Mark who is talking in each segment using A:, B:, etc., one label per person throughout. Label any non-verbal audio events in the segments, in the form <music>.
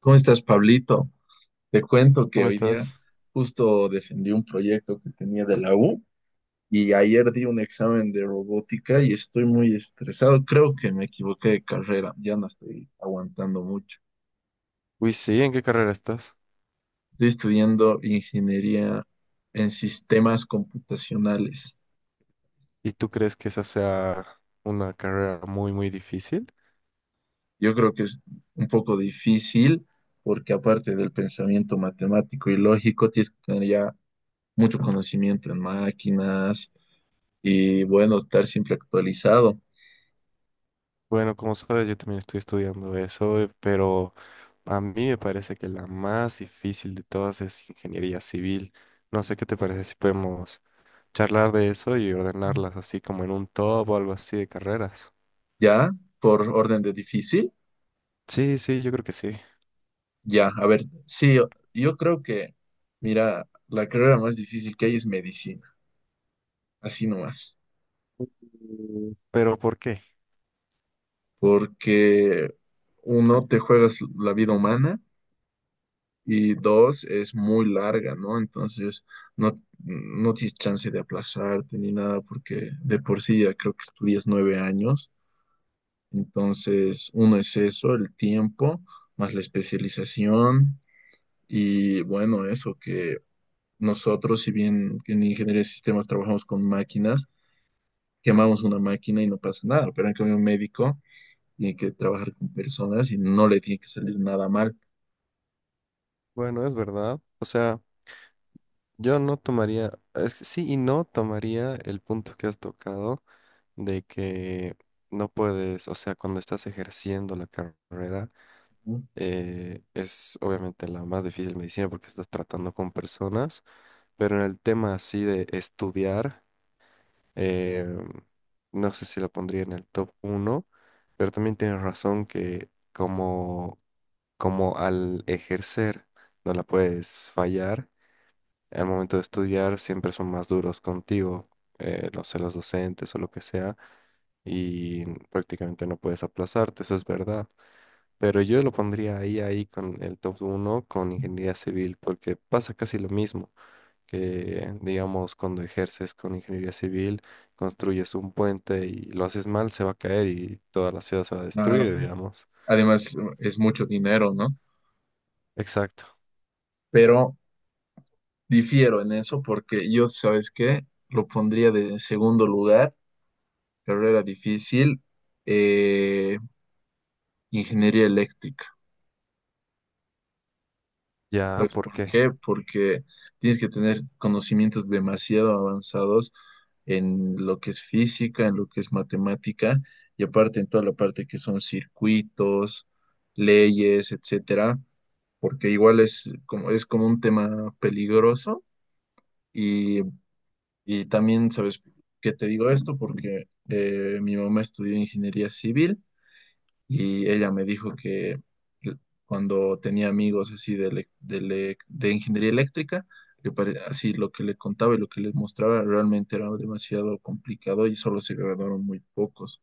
A: ¿Cómo estás, Pablito? Te cuento que
B: ¿Cómo
A: hoy día
B: estás?
A: justo defendí un proyecto que tenía de la U y ayer di un examen de robótica y estoy muy estresado. Creo que me equivoqué de carrera, ya no estoy aguantando mucho.
B: Uy, sí, ¿en qué carrera estás?
A: Estoy estudiando ingeniería en sistemas computacionales.
B: ¿Y tú crees que esa sea una carrera muy, muy difícil?
A: Yo creo que es un poco difícil porque aparte del pensamiento matemático y lógico, tienes que tener ya mucho conocimiento en máquinas y bueno, estar siempre actualizado.
B: Bueno, como sabes, yo también estoy estudiando eso, pero a mí me parece que la más difícil de todas es ingeniería civil. No sé qué te parece si podemos charlar de eso y ordenarlas así como en un top o algo así de carreras.
A: Ya, por orden de difícil,
B: Sí, sí, yo creo que sí.
A: ya, a ver, sí, yo creo que, mira, la carrera más difícil que hay es medicina, así nomás,
B: ¿Pero por qué?
A: porque uno, te juegas la vida humana y dos, es muy larga, ¿no? Entonces, no, no tienes chance de aplazarte ni nada, porque de por sí ya creo que estudias 9 años, entonces, uno es eso, el tiempo, más la especialización. Y bueno, eso que nosotros, si bien en ingeniería de sistemas trabajamos con máquinas, quemamos una máquina y no pasa nada, pero en cambio un médico tiene que trabajar con personas y no le tiene que salir nada mal.
B: Bueno, es verdad. O sea, yo no tomaría, sí y no tomaría el punto que has tocado. De que no puedes, o sea, cuando estás ejerciendo la carrera, es obviamente la más difícil medicina porque estás tratando con personas, pero en el tema así de estudiar, eh, no sé si la pondría en el top uno, pero también tienes razón que como al ejercer no la puedes fallar, al momento de estudiar siempre son más duros contigo, no sé, los docentes o lo que sea, y prácticamente no puedes aplazarte, eso es verdad. Pero yo lo pondría ahí, ahí con el top uno con ingeniería civil, porque pasa casi lo mismo que, digamos, cuando ejerces con ingeniería civil, construyes un puente y lo haces mal, se va a caer y toda la ciudad se va a
A: Claro.
B: destruir, digamos.
A: Además, es mucho dinero, ¿no?
B: Exacto.
A: Pero difiero en eso porque yo, ¿sabes qué? Lo pondría de segundo lugar, carrera difícil, eh, ingeniería eléctrica.
B: Ya,
A: Pues,
B: ¿por
A: ¿por
B: qué?
A: qué? Porque tienes que tener conocimientos demasiado avanzados en lo que es física, en lo que es matemática, y aparte en toda la parte que son circuitos, leyes, etcétera, porque igual es como un tema peligroso. Y, y también, ¿sabes qué te digo esto? Porque mi mamá estudió ingeniería civil y ella me dijo que l- cuando tenía amigos así de, de ingeniería eléctrica, así lo que le contaba y lo que les mostraba realmente era demasiado complicado y solo se graduaron muy pocos.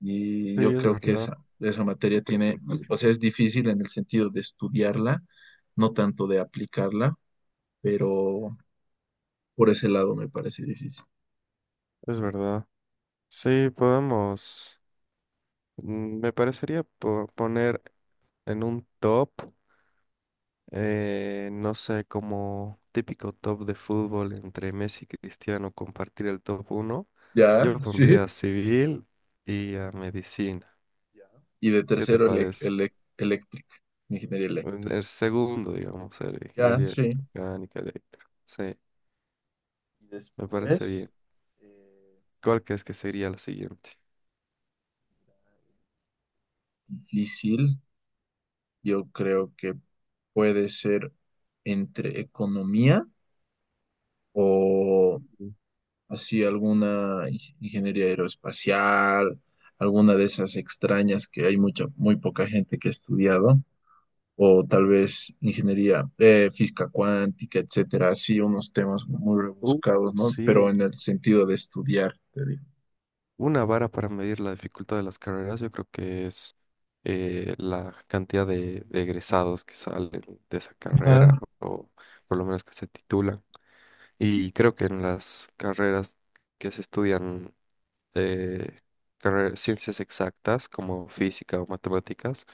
A: Y
B: Sí,
A: yo
B: es
A: creo que
B: verdad,
A: esa materia tiene, o sea, es difícil en el sentido de estudiarla, no tanto de aplicarla, pero por ese lado me parece difícil.
B: es verdad. Sí, podemos. Me parecería poner en un top. No sé, como típico top de fútbol entre Messi y Cristiano, compartir el top uno.
A: Ya,
B: Yo
A: sí.
B: pondría a civil y a medicina.
A: Ya. Y de
B: ¿Qué te
A: tercero,
B: parece?
A: eléctrica, ingeniería eléctrica.
B: En el segundo, digamos, el
A: Ya,
B: ingeniería
A: sí.
B: electromecánica, electro. Sí,
A: Y
B: me parece
A: después,
B: bien.
A: eh,
B: ¿Cuál crees que sería la siguiente?
A: difícil, yo creo que puede ser entre economía o
B: Mm.
A: así alguna ingeniería aeroespacial, alguna de esas extrañas que hay mucha, muy poca gente que ha estudiado, o tal vez ingeniería física cuántica, etcétera, así unos temas muy
B: Uh,
A: rebuscados, ¿no? Pero
B: sí.
A: en el sentido de estudiar, te digo.
B: Una vara para medir la dificultad de las carreras, yo creo que es la cantidad de egresados que salen de esa carrera o por lo menos que se titulan. Y creo que en las carreras que se estudian, eh, ciencias exactas como física o matemáticas,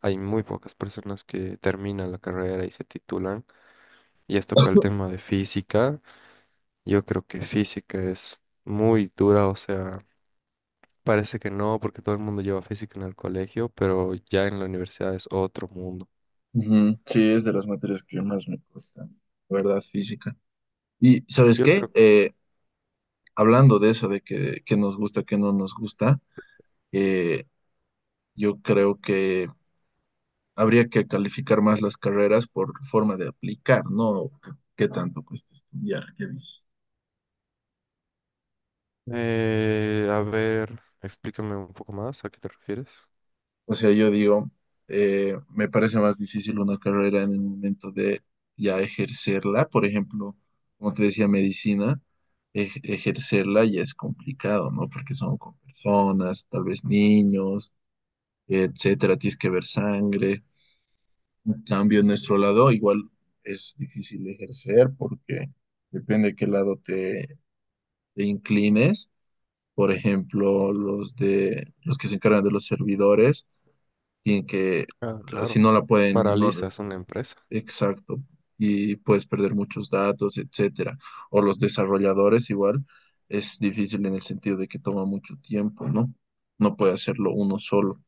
B: hay muy pocas personas que terminan la carrera y se titulan. Y has tocado el tema de física. Yo creo que física es muy dura, o sea. Parece que no, porque todo el mundo lleva física en el colegio, pero ya en la universidad es otro mundo.
A: Ujú. Sí, es de las materias que más me cuestan, la verdad, física. Y ¿sabes
B: Yo
A: qué?
B: creo que...
A: Hablando de eso, de que nos gusta, que no nos gusta, eh, yo creo que habría que calificar más las carreras por forma de aplicar, no qué tanto cuesta estudiar, ¿qué dices?
B: A ver, explícame un poco más, ¿a qué te refieres?
A: O sea, yo digo, me parece más difícil una carrera en el momento de ya ejercerla. Por ejemplo, como te decía, medicina, ejercerla ya es complicado, ¿no? Porque son con personas, tal vez niños, etcétera, tienes que ver sangre. En cambio, en nuestro lado, igual es difícil ejercer porque depende de qué lado te inclines. Por ejemplo, los de los que se encargan de los servidores y que
B: Ah,
A: así
B: claro.
A: no la pueden, no,
B: Paraliza, es una empresa.
A: exacto, y puedes perder muchos datos, etcétera. O los desarrolladores igual, es difícil en el sentido de que toma mucho tiempo, ¿no? No puede hacerlo uno solo.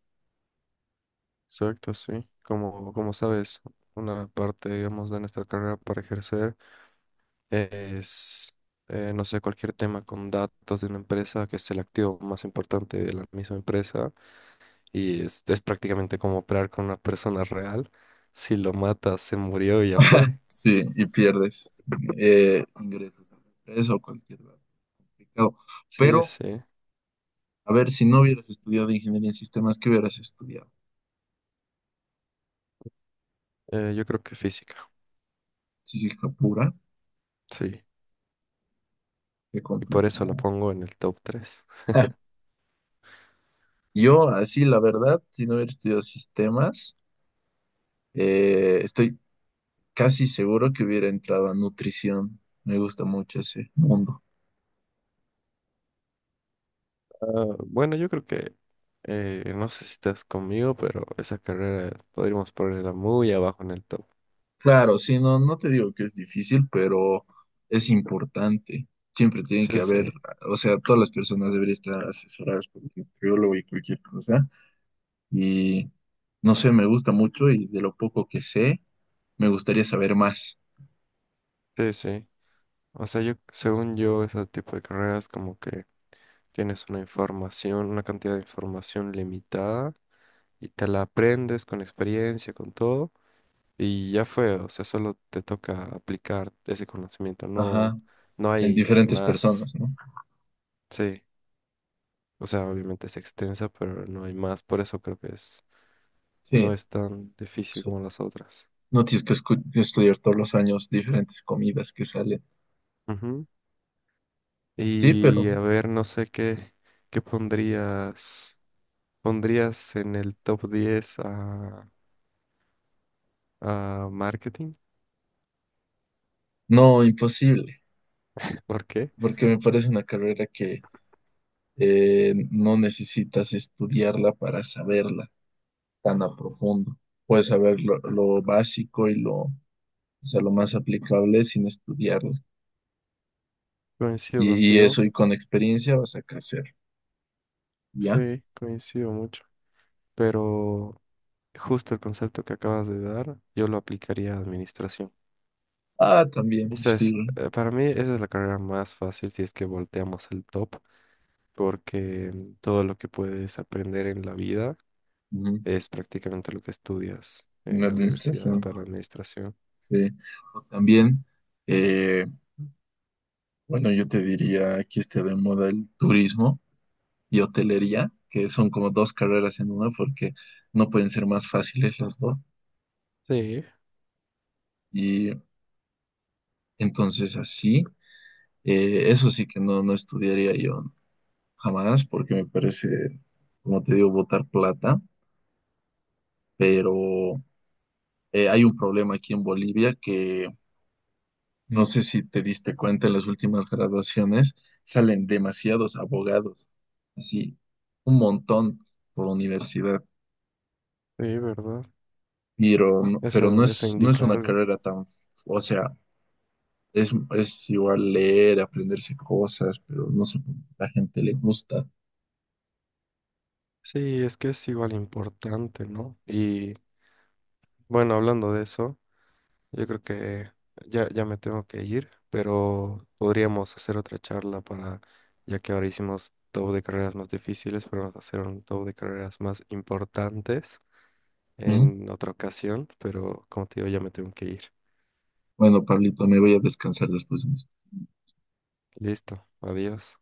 B: Exacto, sí. Como, como sabes, una parte, digamos, de nuestra carrera para ejercer es, no sé, cualquier tema con datos de una empresa, que es el activo más importante de la misma empresa. Y es prácticamente como operar con una persona real. Si lo matas, se murió y ya fue.
A: Sí, y pierdes ingresos a la empresa o cualquier dato complicado.
B: Sí,
A: Pero,
B: sí.
A: a ver, si no hubieras estudiado ingeniería en sistemas, ¿qué hubieras estudiado?
B: Yo creo que física,
A: Física pura,
B: sí.
A: qué
B: Y por eso la
A: complicado.
B: pongo en el top tres.
A: <laughs> Yo, así, la verdad, si no hubiera estudiado sistemas, estoy casi seguro que hubiera entrado a nutrición. Me gusta mucho ese mundo.
B: Ah, bueno, yo creo que, no sé si estás conmigo, pero esa carrera podríamos ponerla muy abajo en el top.
A: Claro, sí, no, no te digo que es difícil, pero es importante. Siempre tiene que
B: Sí,
A: haber,
B: sí,
A: o sea, todas las personas deberían estar asesoradas por un nutriólogo y cualquier cosa. Y no sé, me gusta mucho y de lo poco que sé, me gustaría saber más.
B: sí, sí. O sea, yo, según yo, ese tipo de carreras como que tienes una información, una cantidad de información limitada y te la aprendes con experiencia, con todo. Y ya fue, o sea, solo te toca aplicar ese conocimiento, no,
A: Ajá,
B: no
A: en
B: hay
A: diferentes
B: más.
A: personas, ¿no?
B: Sí, o sea, obviamente es extensa, pero no hay más, por eso creo que es,
A: Sí,
B: no es tan difícil
A: sí.
B: como las otras.
A: No tienes que estudiar todos los años diferentes comidas que salen.
B: Ujú.
A: Sí, pero
B: Y a ver, no sé qué pondrías, pondrías en el top 10 a marketing.
A: no, imposible.
B: <laughs> ¿Por qué?
A: Porque me parece una carrera que no necesitas estudiarla para saberla tan a profundo. Puedes saber lo básico y lo, o sea, lo más aplicable sin estudiarla.
B: Coincido
A: Y
B: contigo,
A: eso y con experiencia vas a crecer, ¿ya?
B: sí, coincido mucho, pero justo el concepto que acabas de dar, yo lo aplicaría a administración.
A: Ah, también,
B: Esa
A: sí.
B: es, para mí, esa es la carrera más fácil si es que volteamos el top, porque todo lo que puedes aprender en la vida
A: Ujú.
B: es prácticamente lo que estudias
A: En
B: en la universidad
A: administración,
B: para administración.
A: sí. O también, eh, bueno, yo te diría, aquí está de moda el turismo y hotelería, que son como dos carreras en una porque no pueden ser más fáciles las dos.
B: Sí,
A: Y entonces así, eso sí que no, no estudiaría yo jamás porque me parece, como te digo, botar plata, pero hay un problema aquí en Bolivia que no sé si te diste cuenta en las últimas graduaciones, salen demasiados abogados, así, un montón por universidad,
B: sí, ¿verdad?
A: pero, pero no
B: Eso
A: es, no es
B: indica
A: una
B: algo.
A: carrera tan, o sea, es, es igual leer, aprenderse cosas, pero no sé, la gente le gusta.
B: Sí, es que es igual importante, ¿no? Y bueno, hablando de eso. Yo creo que ya, ya me tengo que ir, pero podríamos hacer otra charla para, ya que ahora hicimos top de carreras más difíciles, podemos hacer un top de carreras más importantes
A: ¿No?
B: en otra ocasión, pero como te digo, ya me tengo que ir.
A: Bueno, Pablito, me voy a descansar después de esto.
B: Listo, adiós.